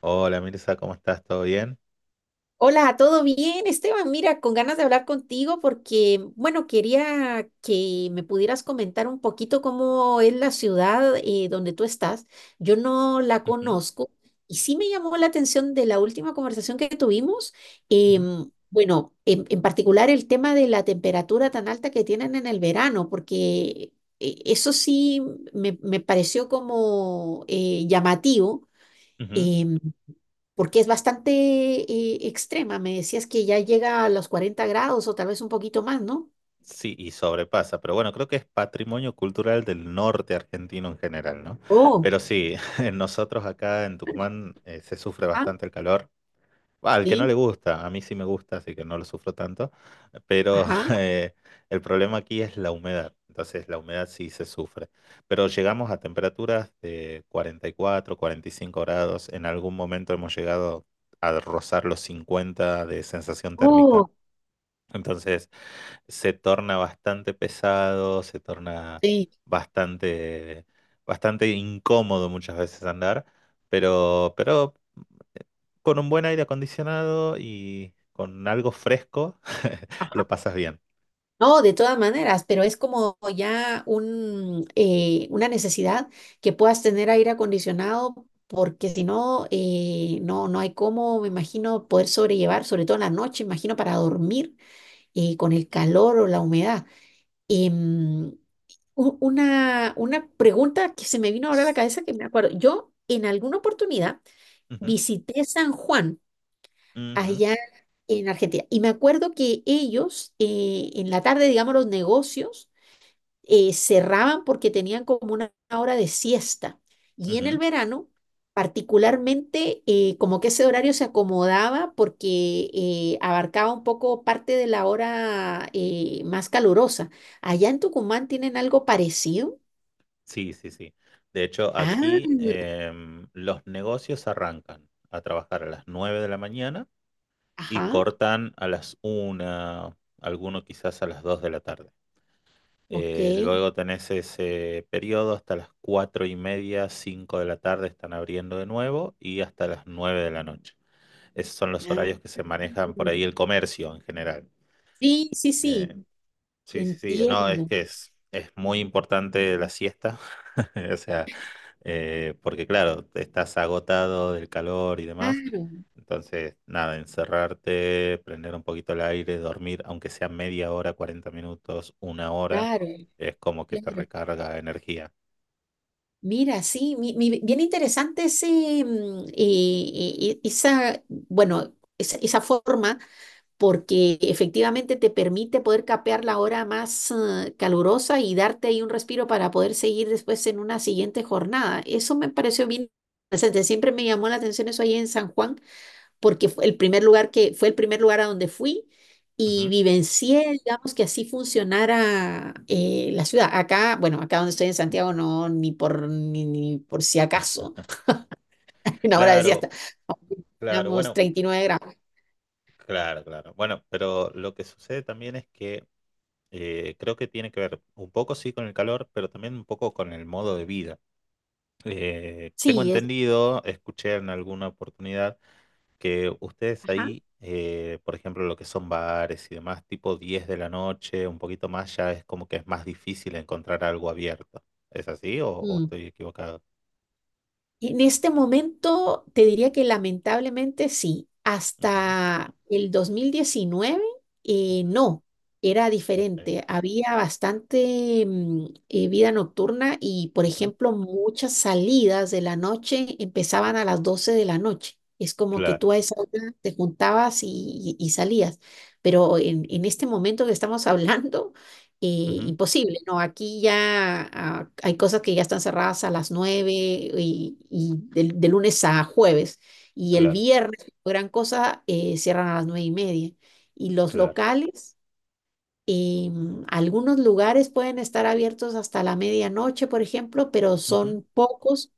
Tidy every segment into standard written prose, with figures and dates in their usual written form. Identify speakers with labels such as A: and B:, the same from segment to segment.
A: Hola Mirza, ¿cómo estás? ¿Todo bien?
B: Hola, ¿todo bien, Esteban? Mira, con ganas de hablar contigo porque, bueno, quería que me pudieras comentar un poquito cómo es la ciudad donde tú estás. Yo no la
A: Ujú,
B: conozco y sí me llamó la atención de la última conversación que tuvimos.
A: ujú,
B: Bueno, en particular el tema de la temperatura tan alta que tienen en el verano, porque eso sí me pareció como llamativo.
A: ujú.
B: em, Porque es bastante extrema. Me decías que ya llega a los 40 grados o tal vez un poquito más, ¿no?
A: Sí, y sobrepasa, pero bueno, creo que es patrimonio cultural del norte argentino en general, ¿no?
B: Oh,
A: Pero sí, nosotros acá en Tucumán se sufre
B: ah,
A: bastante el calor. Bah, al que no le
B: sí,
A: gusta, a mí sí me gusta, así que no lo sufro tanto, pero
B: ajá,
A: eh, el problema aquí es la humedad, entonces la humedad sí se sufre, pero llegamos a temperaturas de 40, 44, 45 grados, en algún momento hemos llegado a rozar los 50 de sensación térmica,
B: oh,
A: entonces se torna bastante pesado, se torna
B: sí,
A: bastante, bastante incómodo muchas veces andar. Pero con un buen aire acondicionado y con algo fresco,
B: ajá.
A: lo pasas bien.
B: No, de todas maneras, pero es como ya una necesidad que puedas tener aire acondicionado, porque si no, no hay cómo, me imagino, poder sobrellevar, sobre todo en la noche, imagino, para dormir con el calor o la humedad. Em, una pregunta que se me vino ahora a la cabeza que me acuerdo. Yo en alguna oportunidad
A: Ujú,
B: visité San Juan
A: ujú,
B: allá en Argentina y me acuerdo que ellos en la tarde, digamos, los negocios cerraban porque tenían como una hora de siesta y en el
A: ujú.
B: verano. Particularmente, como que ese horario se acomodaba porque abarcaba un poco parte de la hora más calurosa. ¿Allá en Tucumán tienen algo parecido?
A: Sí, sí, sí. De hecho,
B: Ah,
A: aquí los negocios arrancan a trabajar a las 9 de la mañana y
B: ajá,
A: cortan a las una, alguno quizás a las 2 de la tarde.
B: ok.
A: Luego tenés ese periodo hasta las 4 y media, 5 de la tarde están abriendo de nuevo y hasta las 9 de la noche. Esos son los horarios que
B: Ah,
A: se manejan por ahí el comercio en general.
B: sí, sí, sí,
A: Eh, sí, sí, sí. No,
B: entiendo.
A: es muy importante la siesta. O sea, porque claro, estás agotado del calor y demás.
B: Claro,
A: Entonces, nada, encerrarte, prender un poquito el aire, dormir, aunque sea media hora, 40 minutos, una hora,
B: claro,
A: es como que te
B: claro.
A: recarga energía.
B: Mira, sí, bien interesante ese, mm, esa, bueno, esa forma, porque efectivamente te permite poder capear la hora más calurosa y darte ahí un respiro para poder seguir después en una siguiente jornada. Eso me pareció bien interesante. Siempre me llamó la atención eso ahí en San Juan porque fue el primer lugar a donde fui y
A: Ujú.
B: vivencié, digamos, que así funcionara la ciudad. Acá, bueno, acá donde estoy en Santiago, no, ni por si acaso, una hora decía
A: Claro,
B: hasta,
A: claro,
B: digamos,
A: bueno,
B: 39 grados.
A: claro, claro. Bueno, pero lo que sucede también es que creo que tiene que ver un poco sí con el calor, pero también un poco con el modo de vida. Tengo
B: Sí, es,
A: entendido, escuché en alguna oportunidad que ustedes
B: ajá.
A: ahí, por ejemplo, lo que son bares y demás, tipo 10 de la noche, un poquito más, ya es como que es más difícil encontrar algo abierto. ¿Es así o estoy equivocado?
B: En este momento te diría que lamentablemente sí,
A: Ujú,
B: hasta el 2019
A: ujú,
B: no, era
A: ok,
B: diferente, había bastante vida nocturna y por
A: ujú,
B: ejemplo muchas salidas de la noche empezaban a las 12 de la noche, es como que
A: claro,
B: tú a esa hora te juntabas y salías, pero en este momento que estamos hablando eh,
A: ujú,
B: imposible, ¿no? Aquí ya ah, hay cosas que ya están cerradas a las 9 y de lunes a jueves. Y el
A: claro,
B: viernes, gran cosa, cierran a las 9 y media. Y los
A: claro,
B: locales, algunos lugares pueden estar abiertos hasta la medianoche, por ejemplo, pero
A: ujú,
B: son pocos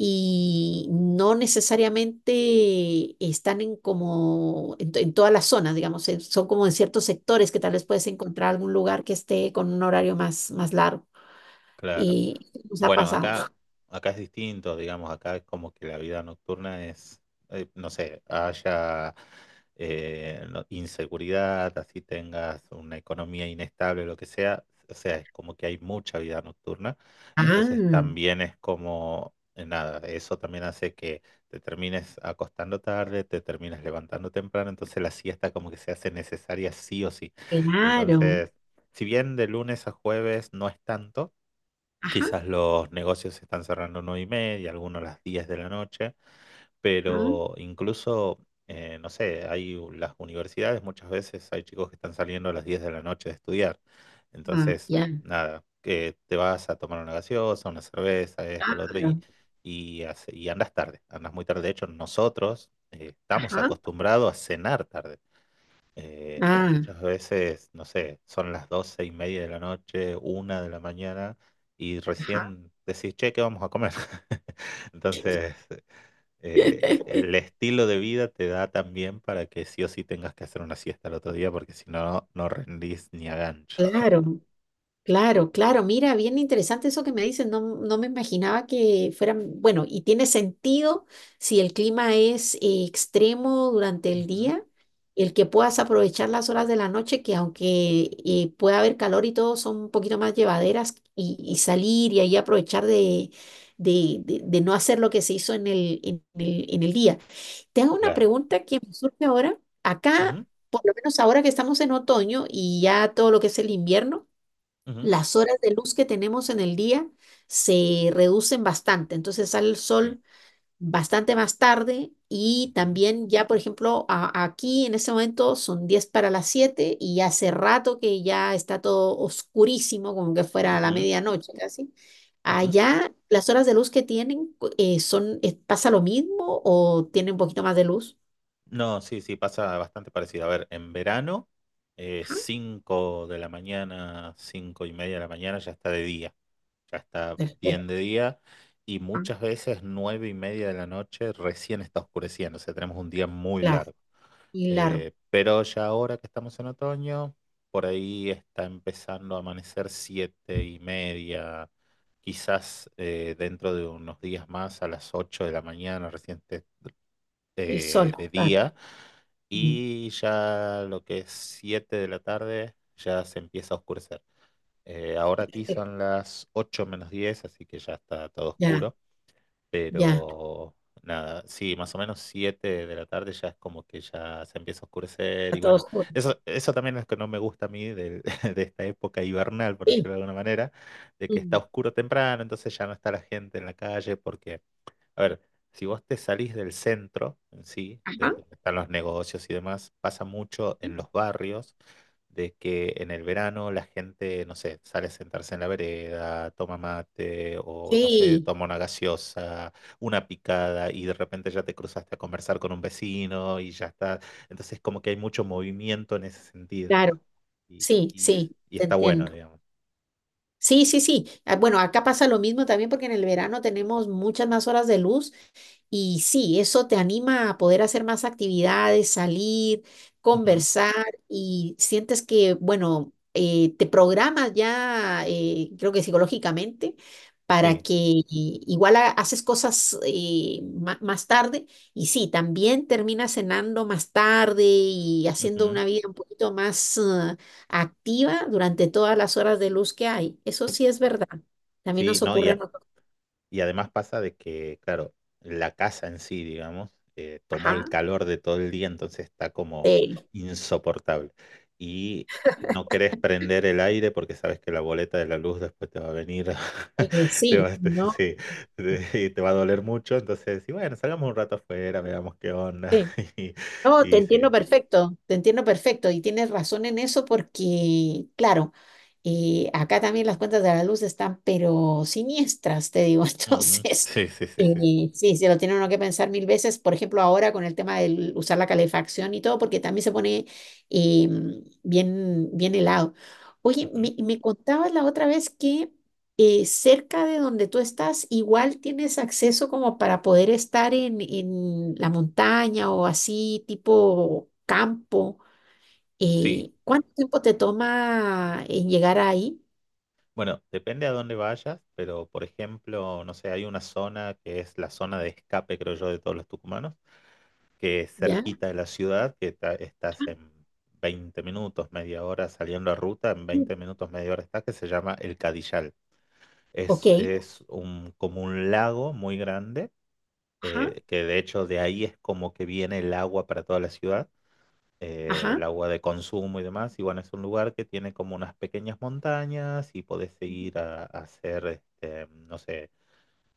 B: y no necesariamente están en como en, to- en todas las zonas, digamos, son como en ciertos sectores que tal vez puedes encontrar algún lugar que esté con un horario más largo.
A: claro.
B: Y nos ha
A: Bueno,
B: pasado.
A: acá, acá es distinto, digamos, acá es como que la vida nocturna es, no sé, haya inseguridad, así tengas una economía inestable, lo que sea, o sea, es como que hay mucha vida nocturna, entonces
B: Ah,
A: también es como, nada, eso también hace que te termines acostando tarde, te termines levantando temprano, entonces la siesta como que se hace necesaria sí o sí.
B: claro.
A: Entonces, si bien de lunes a jueves no es tanto,
B: Ajá,
A: quizás los negocios se están cerrando nueve y media, algunos a las 10 de la noche,
B: ajá,
A: pero incluso, no sé, las universidades, muchas veces hay chicos que están saliendo a las 10 de la noche de estudiar.
B: ah,
A: Entonces,
B: ya,
A: nada, que te vas a tomar una gaseosa, una cerveza, esto, lo otro, y,
B: claro.
A: y andas tarde, andas muy tarde. De hecho, nosotros estamos
B: Ajá,
A: acostumbrados a cenar tarde.
B: ah,
A: Muchas veces, no sé, son las doce y media de la noche, una de la mañana, y
B: ajá.
A: recién decís, che, ¿qué vamos a comer? Entonces, el estilo de vida te da también para que sí o sí tengas que hacer una siesta al otro día, porque si no, no rendís ni a gancho.
B: Claro. Claro, claro, mira, bien interesante eso que me dices, no, no me imaginaba que fueran, bueno, y tiene sentido si el clima es extremo durante el
A: Ujú,
B: día, el que puedas aprovechar las horas de la noche, que aunque pueda haber calor y todo, son un poquito más llevaderas y salir y ahí aprovechar de no hacer lo que se hizo en el día. Te hago una
A: claro.
B: pregunta que me surge ahora, acá,
A: Ujú,
B: por lo menos ahora que estamos en otoño y ya todo lo que es el invierno
A: ujú,
B: las horas de luz que tenemos en el día se reducen bastante. Entonces sale el
A: sí.
B: sol bastante más tarde y
A: Ujú,
B: también ya, por ejemplo, aquí en este momento son 10 para las 7 y ya hace rato que ya está todo oscurísimo, como que fuera a la
A: ujú,
B: medianoche casi.
A: ujú.
B: Allá las horas de luz que tienen ¿pasa lo mismo o tienen un poquito más de luz?
A: No, sí, sí, pasa bastante parecido. A ver, en verano,
B: Ajá,
A: 5 de la mañana, 5 y media de la mañana ya está de día, ya está bien
B: perfecto.
A: de día y
B: Ah,
A: muchas veces 9 y media de la noche recién está oscureciendo, o sea, tenemos un día muy
B: claro,
A: largo.
B: y largo,
A: Pero ya ahora que estamos en otoño, por ahí está empezando a amanecer 7 y media, quizás dentro de unos días más a las 8 de la mañana
B: el sol,
A: de
B: claro.
A: día
B: Mm,
A: y ya lo que es 7 de la tarde ya se empieza a oscurecer. Ahora aquí
B: perfecto.
A: son las 8 menos 10 así que ya está todo
B: Ya,
A: oscuro.
B: ya,
A: Pero nada, sí, más o menos 7 de la tarde ya es como que ya se empieza a oscurecer.
B: a
A: Y bueno,
B: todos.
A: eso también es lo que no me gusta a mí de, esta época hibernal, por
B: Sí.
A: decirlo de alguna manera, de que está
B: Mm.
A: oscuro temprano, entonces ya no está la gente en la calle porque a ver, si vos te salís del centro en sí,
B: Ajá.
A: del donde están los negocios y demás, pasa mucho en
B: Sí,
A: los barrios de que en el verano la gente, no sé, sale a sentarse en la vereda, toma mate o no sé,
B: sí,
A: toma una gaseosa, una picada y de repente ya te cruzaste a conversar con un vecino y ya está. Entonces como que hay mucho movimiento en ese sentido
B: claro.
A: y,
B: Sí,
A: y-
B: sí,
A: y
B: te
A: está bueno,
B: entiendo.
A: digamos.
B: Sí, sí, sí. Ah, bueno, acá pasa lo mismo también porque en el verano tenemos muchas más horas de luz. Y sí, eso te anima a poder hacer más actividades, salir,
A: Ujú,
B: conversar y sientes que, bueno, te programas ya, creo que psicológicamente, para
A: sí,
B: que i- igual haces cosas más tarde y sí, también terminas cenando más tarde y haciendo
A: ujú,
B: una vida un poquito más activa durante todas las horas de luz que hay. Eso sí es verdad. También
A: sí,
B: nos
A: no,
B: ocurre a
A: ya.
B: nosotros.
A: Y además pasa de que, claro, la casa en sí, digamos, tomó el
B: Ajá.
A: calor de todo el día, entonces está como
B: Sí.
A: insoportable. Y no querés prender el aire porque sabes que la boleta de la luz después te va a venir,
B: Oye, sí, y no,
A: sí, te, y te va a doler mucho. Entonces, sí, bueno, salgamos un rato afuera, veamos qué onda.
B: sí.
A: Y,
B: No,
A: y sí.
B: te entiendo perfecto y tienes razón en eso porque, claro, acá también las cuentas de la luz están pero siniestras, te digo,
A: Ujú.
B: entonces,
A: Sí, sí, sí, sí. Sí,
B: sí, se lo tiene uno que pensar 1000 veces, por ejemplo, ahora con el tema de usar la calefacción y todo, porque también se pone eh, bien, bien helado. Oye,
A: ujú.
B: me contabas la otra vez que cerca de donde tú estás, igual tienes acceso como para poder estar en la montaña o así, tipo campo.
A: Sí,
B: ¿Cuánto tiempo te toma en llegar ahí?
A: bueno, depende a dónde vayas, pero por ejemplo, no sé, hay una zona que es la zona de escape, creo yo, de todos los tucumanos, que es
B: ¿Ya?
A: cerquita de la ciudad, que estás
B: Ah,
A: en 20 minutos, media hora saliendo a ruta, en
B: mm,
A: 20 minutos, media hora estás, que se llama El Cadillal.
B: ok.
A: Es un, como un lago muy grande,
B: Ajá,
A: que de hecho de ahí es como que viene el agua para toda la ciudad
B: ajá.
A: el agua de consumo y demás. Y bueno, es un lugar que tiene como unas pequeñas montañas y podés seguir a hacer, este, no sé,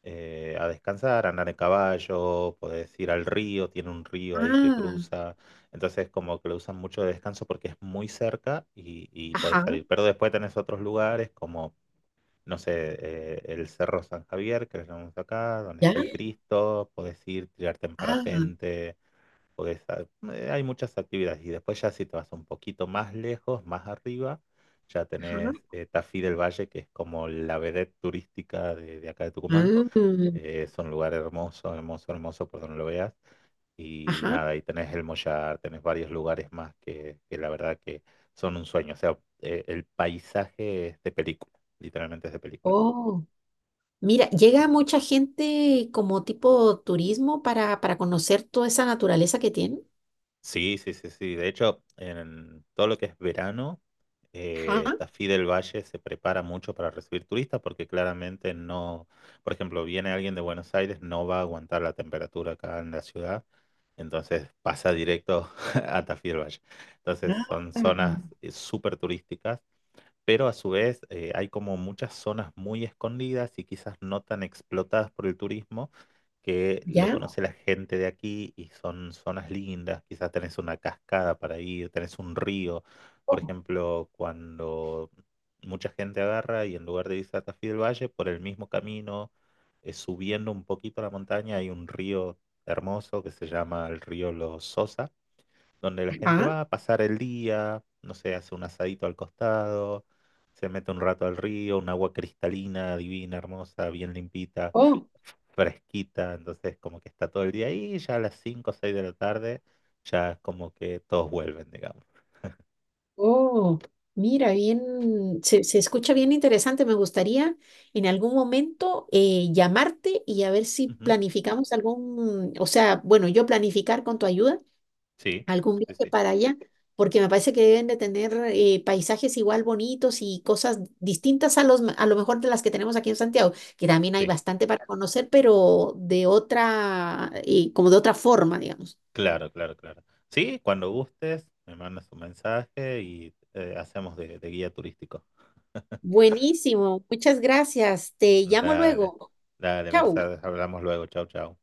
A: a descansar, a andar en caballo, podés ir al río, tiene un río ahí que
B: Ah,
A: cruza. Entonces como que lo usan mucho de descanso porque es muy cerca y podés
B: ajá,
A: salir. Pero después tenés otros lugares como... No sé, el Cerro San Javier, que lo llamamos acá, donde está
B: ya.
A: el Cristo, podés ir, tirarte en
B: Ah,
A: parapente, porque sa- hay muchas actividades. Y después ya si te vas un poquito más lejos, más arriba, ya
B: ajá.
A: tenés Tafí del Valle, que es como la vedette turística de acá de Tucumán.
B: Mm,
A: Es un lugar hermoso, hermoso, hermoso, por donde lo veas. Y
B: ajá.
A: nada, ahí tenés El Mollar, tenés varios lugares más que la verdad que son un sueño. O sea, el paisaje es de película, literalmente es de película.
B: Oh. Mira, llega mucha gente como tipo turismo para conocer toda esa naturaleza que tienen.
A: Sí, sí, sí, sí. De hecho, en todo lo que es verano,
B: Ajá.
A: Tafí del Valle se prepara mucho para recibir turistas porque claramente no, por ejemplo, viene alguien de Buenos Aires, no va a aguantar la temperatura acá en la ciudad, entonces pasa directo a Tafí del Valle. Entonces son
B: Ah.
A: zonas súper turísticas pero a su vez hay como muchas zonas muy escondidas y quizás no tan explotadas por el turismo que lo
B: Ya.
A: conoce la gente de aquí y son zonas lindas, quizás tenés una cascada para ir, tenés un río, por
B: Oh,
A: ejemplo, cuando mucha gente agarra y en lugar de irse a Tafí del Valle, por el mismo camino, subiendo un poquito la montaña, hay un río hermoso que se llama el río Los Sosa donde la gente
B: ajá.
A: va a pasar el día, no sé, hace un asadito al costado, se mete un rato al río, un agua cristalina, divina, hermosa, bien limpita,
B: Oh,
A: fresquita, entonces como que está todo el día ahí, y ya a las 5 o 6 de la tarde, ya es como que todos vuelven, digamos.
B: oh. Mira, bien, se escucha bien interesante. Me gustaría en algún momento llamarte y a ver si
A: Ujú.
B: planificamos algún, o sea, bueno, yo planificar con tu ayuda
A: Sí,
B: algún
A: sí,
B: viaje
A: sí,
B: para allá, porque me parece que deben de tener paisajes igual bonitos y cosas distintas a los, a lo mejor de las que tenemos aquí en Santiago, que también hay
A: sí,
B: bastante para conocer, pero de otra, como de otra forma, digamos.
A: claro, claro, claro. Sí, cuando gustes, me mandas un mensaje y hacemos de guía turístico.
B: Buenísimo, muchas gracias. Te llamo
A: Dale,
B: luego.
A: dale,
B: Chau.
A: Mirza, hablamos luego, chau, chau.